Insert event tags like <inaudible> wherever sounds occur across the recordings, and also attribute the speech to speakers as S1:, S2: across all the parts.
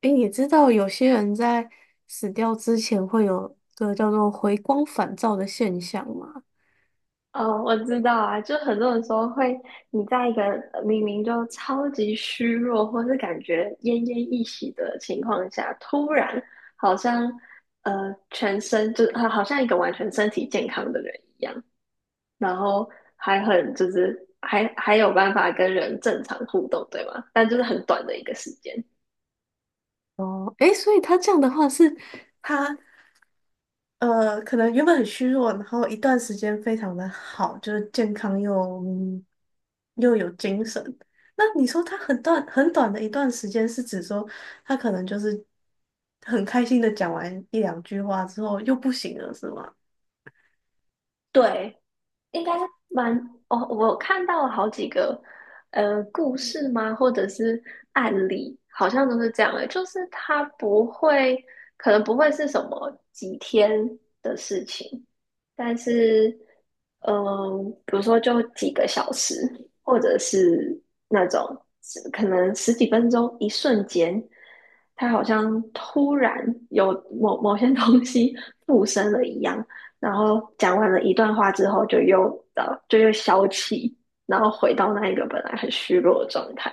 S1: 诶，你知道有些人在死掉之前会有个叫做回光返照的现象吗？
S2: 哦，我知道啊，就很多人说会，你在一个明明就超级虚弱，或是感觉奄奄一息的情况下，突然好像全身就好像一个完全身体健康的人一样，然后还很就是还还有办法跟人正常互动，对吗？但就是很短的一个时间。
S1: 哦，诶，所以他这样的话是他可能原本很虚弱，然后一段时间非常的好，就是健康又有精神。那你说他很短很短的一段时间，是指说他可能就是很开心的讲完一两句话之后又不行了，是吗？
S2: 对，应该蛮哦，我看到了好几个故事吗，或者是案例，好像都是这样的，就是它不会，可能不会是什么几天的事情，但是比如说就几个小时，或者是那种可能十几分钟，一瞬间，它好像突然有某些东西附身了一样，然后讲完了一段话之后，呃，就又消气，然后回到那一个本来很虚弱的状态。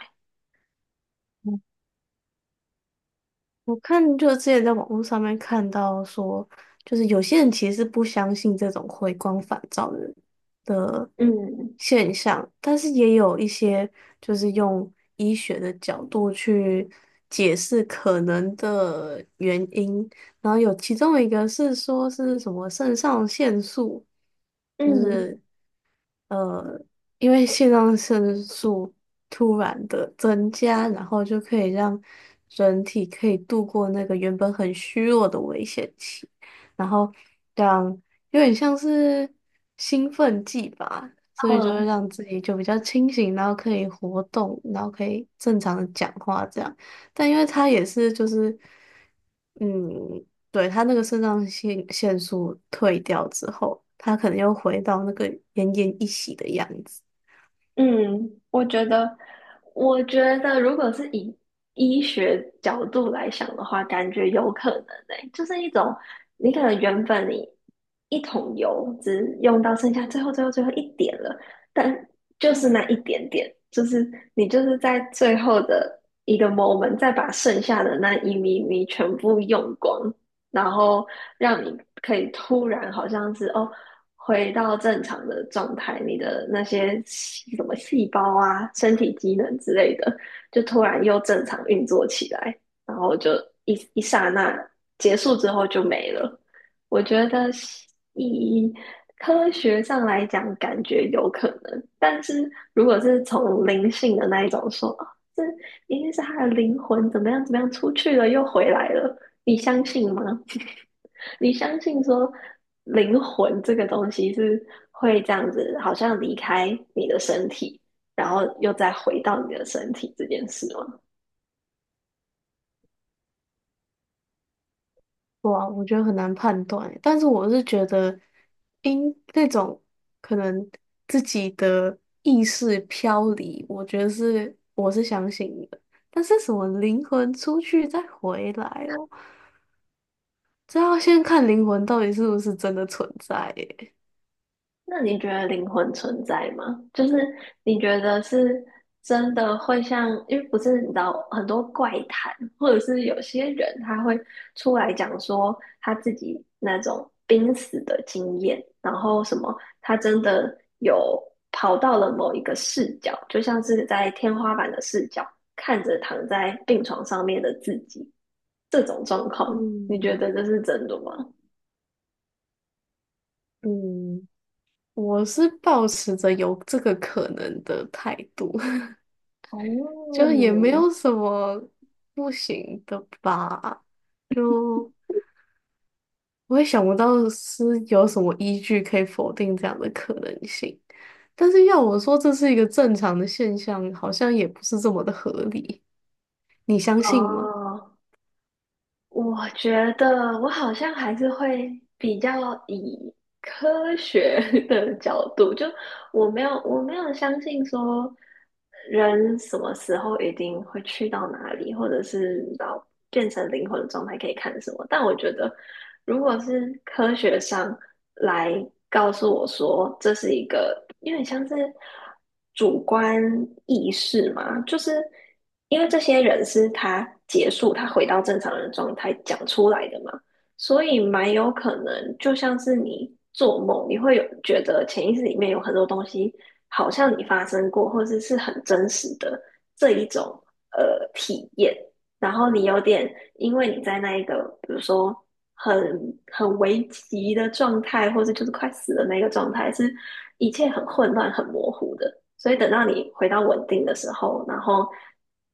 S1: 我看就之前在网络上面看到说，就是有些人其实是不相信这种回光返照的
S2: 嗯
S1: 现象，但是也有一些就是用医学的角度去解释可能的原因，然后有其中一个是说是什么肾上腺素。就
S2: 嗯
S1: 是。呃，因为肾上腺素突然的增加，然后就可以让人体可以度过那个原本很虚弱的危险期，然后让有点像是兴奋剂吧，所以就会
S2: 嗯，
S1: 让自己就比较清醒，然后可以活动，然后可以正常的讲话这样。但因为它也是就是，嗯。对，他那个肾上腺腺素退掉之后，他可能又回到那个奄奄一息的样子。
S2: 嗯，我觉得，我觉得如果是以医学角度来想的话，感觉有可能欸，就是一种你可能原本你一桶油只用到剩下最后最后最后一点了，但就是那一点点，就是你就是在最后的一个 moment 再把剩下的那一咪咪全部用光，然后让你可以突然好像是哦。回到正常的状态，你的那些细什么细胞啊、身体机能之类的，就突然又正常运作起来，然后就一刹那结束之后就没了。我觉得以科学上来讲，感觉有可能，但是如果是从灵性的那一种说，哦这一定是他的灵魂怎么样怎么样出去了又回来了，你相信吗？<laughs> 你相信说灵魂这个东西是会这样子，好像离开你的身体，然后又再回到你的身体这件事吗？
S1: 哇，我觉得很难判断欸，但是我是觉得，因那种可能自己的意识飘离，我觉得是我是相信的。但是什么灵魂出去再回来哦，这要先看灵魂到底是不是真的存在耶。
S2: 那你觉得灵魂存在吗？就是你觉得是真的会像，因为不是你知道很多怪谈，或者是有些人他会出来讲说他自己那种濒死的经验，然后什么他真的有跑到了某一个视角，就像是在天花板的视角看着躺在病床上面的自己，这种状况，你觉
S1: 嗯，
S2: 得这是真的吗？
S1: 嗯，我是抱持着有这个可能的态度。
S2: 哦，
S1: 就也没有什么不行的吧，就我也想不到是有什么依据可以否定这样的可能性。但是要我说这是一个正常的现象，好像也不是这么的合理。你相信吗？
S2: 哦，我觉得我好像还是会比较以科学 <laughs> 的角度，就我没有相信说人什么时候一定会去到哪里，或者是到变成灵魂的状态可以看什么。但我觉得如果是科学上来告诉我说这是一个有点像是主观意识嘛，就是因为这些人是他结束他回到正常人状态讲出来的嘛，所以蛮有可能就像是你做梦，你会有觉得潜意识里面有很多东西好像你发生过，或者是很真实的这一种体验。然后你有点，因为你在那一个，比如说很很危急的状态，或是就是快死的那个状态，是一切很混乱、很模糊的。所以等到你回到稳定的时候，然后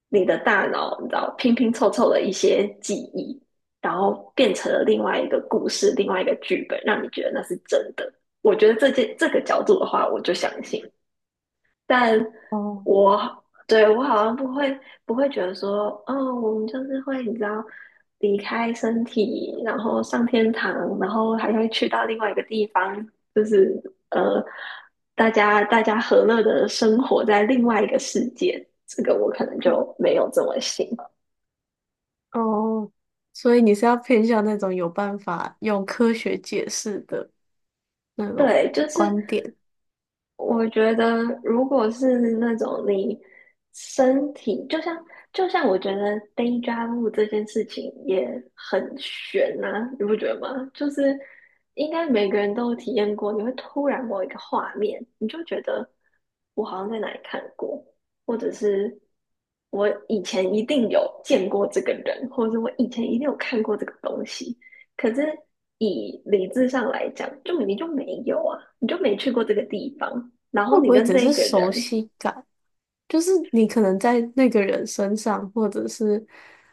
S2: 你的大脑你知道拼拼凑凑的一些记忆，然后变成了另外一个故事、另外一个剧本，让你觉得那是真的。我觉得这件这个角度的话，我就相信。但
S1: 哦，
S2: 我好像不会觉得说，哦，我们就是会你知道离开身体，然后上天堂，然后还会去到另外一个地方，就是呃，大家和乐的生活在另外一个世界，这个我可能就没有这么信。
S1: 哦，所以你是要偏向那种有办法用科学解释的那种
S2: 对，就是。
S1: 观点，
S2: 我觉得，如果是那种你身体，就像我觉得 day job 这件事情也很悬呐、你不觉得吗？就是应该每个人都有体验过，你会突然某一个画面，你就觉得我好像在哪里看过，或者是我以前一定有见过这个人，或者是我以前一定有看过这个东西。可是以理智上来讲，就你就没有啊，你就没去过这个地方，然
S1: 会
S2: 后
S1: 不
S2: 你
S1: 会
S2: 跟
S1: 只
S2: 这一
S1: 是
S2: 个
S1: 熟
S2: 人，
S1: 悉感？就是你可能在那个人身上，或者是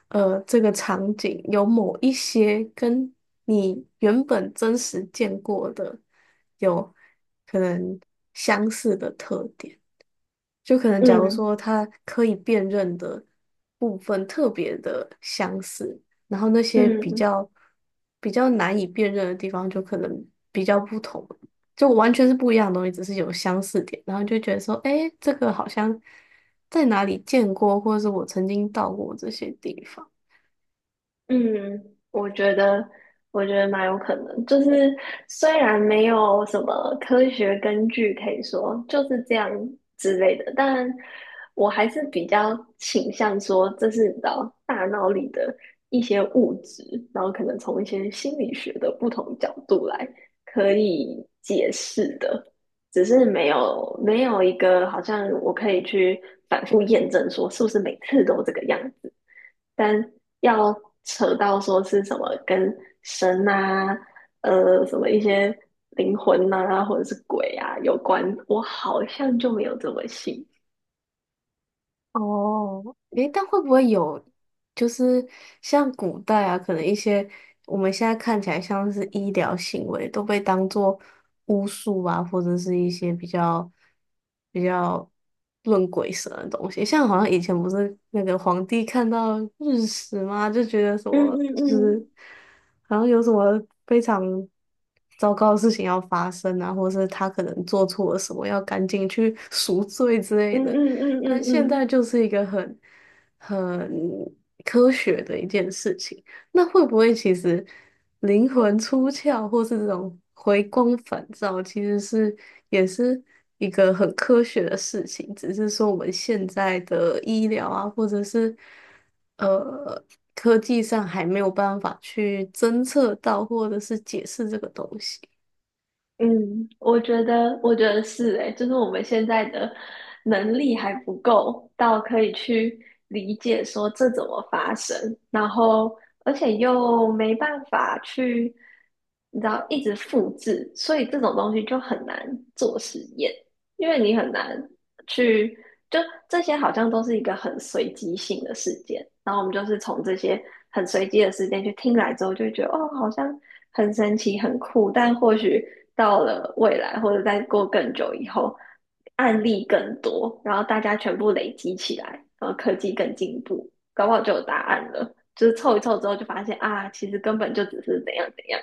S1: 这个场景有某一些跟你原本真实见过的有可能相似的特点。就可能假如
S2: 嗯
S1: 说它可以辨认的部分特别的相似，然后那些
S2: 嗯
S1: 比较难以辨认的地方就可能比较不同，就完全是不一样的东西，只是有相似点，然后就觉得说，诶，这个好像在哪里见过，或者是我曾经到过这些地方。
S2: 嗯，我觉得，我觉得蛮有可能，就是虽然没有什么科学根据可以说就是这样之类的，但我还是比较倾向说这是你知道大脑里的一些物质，然后可能从一些心理学的不同角度来可以解释的，只是没有一个好像我可以去反复验证说是不是每次都这个样，但要扯到说是什么跟神啊，什么一些灵魂呐、啊，或者是鬼啊有关，我好像就没有这么信。
S1: 哦，诶，但会不会有，就是像古代啊，可能一些我们现在看起来像是医疗行为，都被当做巫术啊，或者是一些比较论鬼神的东西。像好像以前不是那个皇帝看到日食吗，就觉得什
S2: 嗯
S1: 么
S2: 嗯
S1: 就是
S2: 嗯
S1: 好像有什么非常糟糕的事情要发生啊，或者是他可能做错了什么，要赶紧去赎罪之类
S2: 嗯
S1: 的。
S2: 嗯嗯
S1: 但
S2: 嗯嗯。
S1: 现
S2: 嗯
S1: 在就是一个很科学的一件事情。那会不会其实灵魂出窍，或是这种回光返照，其实是也是一个很科学的事情？只是说我们现在的医疗啊，或者是呃科技上还没有办法去侦测到，或者是解释这个东西。
S2: 嗯，我觉得是诶，就是我们现在的能力还不够到可以去理解说这怎么发生，然后而且又没办法去，你知道，一直复制，所以这种东西就很难做实验，因为你很难去，就这些好像都是一个很随机性的事件，然后我们就是从这些很随机的事件去听来之后，就会觉得哦，好像很神奇、很酷，但或许到了未来或者再过更久以后，案例更多，然后大家全部累积起来，然后科技更进步，搞不好就有答案了。就是凑一凑之后，就发现啊，其实根本就只是怎样怎样，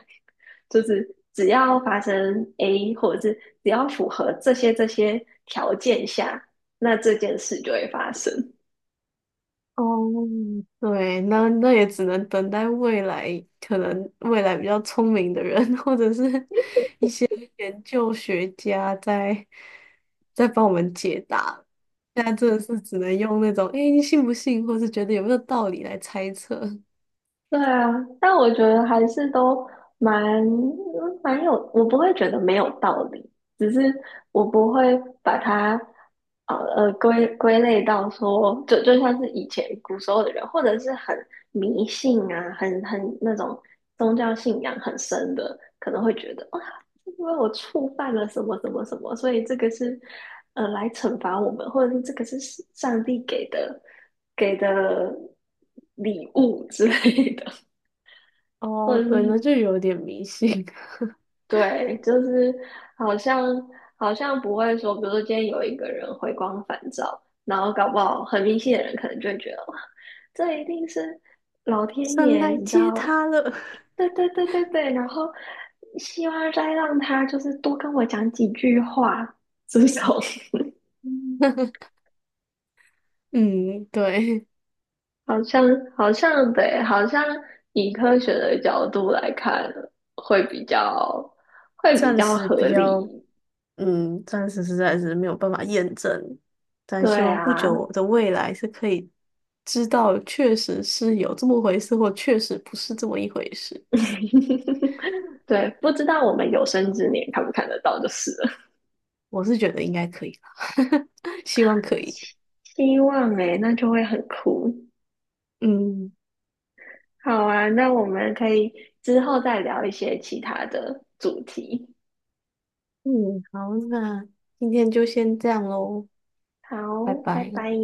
S2: 就是只要发生 A，或者是只要符合这些条件下，那这件事就会发生。
S1: 哦，对，那也只能等待未来，可能未来比较聪明的人，<laughs> 或者是 <laughs> 研究学家在帮我们解答。现在真的是只能用那种“诶，你信不信”或是觉得有没有道理来猜测。
S2: 对啊，但我觉得还是都蛮蛮有，我不会觉得没有道理，只是我不会把它归类到说，就像是以前古时候的人，或者是很迷信啊，很那种宗教信仰很深的，可能会觉得哦，因为我触犯了什么什么什么，所以这个是来惩罚我们，或者是这个是上帝给的礼物之类的，<laughs> 或
S1: 哦，
S2: 者
S1: 对，那
S2: 是
S1: 就有点迷信。<laughs>
S2: 对，就是好像好像不会说，比如说今天有一个人回光返照，然后搞不好很迷信的人可能就会觉得哇，这一定是老天
S1: 神
S2: 爷，
S1: 来
S2: 你知
S1: 接
S2: 道。
S1: 他了。
S2: 对对对对对，然后希望再让他就是多跟我讲几句话，这种
S1: <laughs> 嗯，对。
S2: <laughs> 好像好像对，好像以科学的角度来看，会比较会比
S1: 暂
S2: 较
S1: 时
S2: 合
S1: 比较，
S2: 理。
S1: 嗯，暂时实在是没有办法验证，但
S2: 对
S1: 希望
S2: 啊，
S1: 不久的未来是可以知道确实是有这么回事，或确实不是这么一回事。
S2: <laughs> 对，不知道我们有生之年看不看得到就是了。
S1: 我是觉得应该可以哈，<laughs> 希望可以。
S2: 希望诶、那就会很酷。
S1: 嗯，
S2: 好啊，那我们可以之后再聊一些其他的主题。
S1: 嗯，好，那今天就先这样喽，
S2: 好，
S1: 拜
S2: 拜
S1: 拜。
S2: 拜。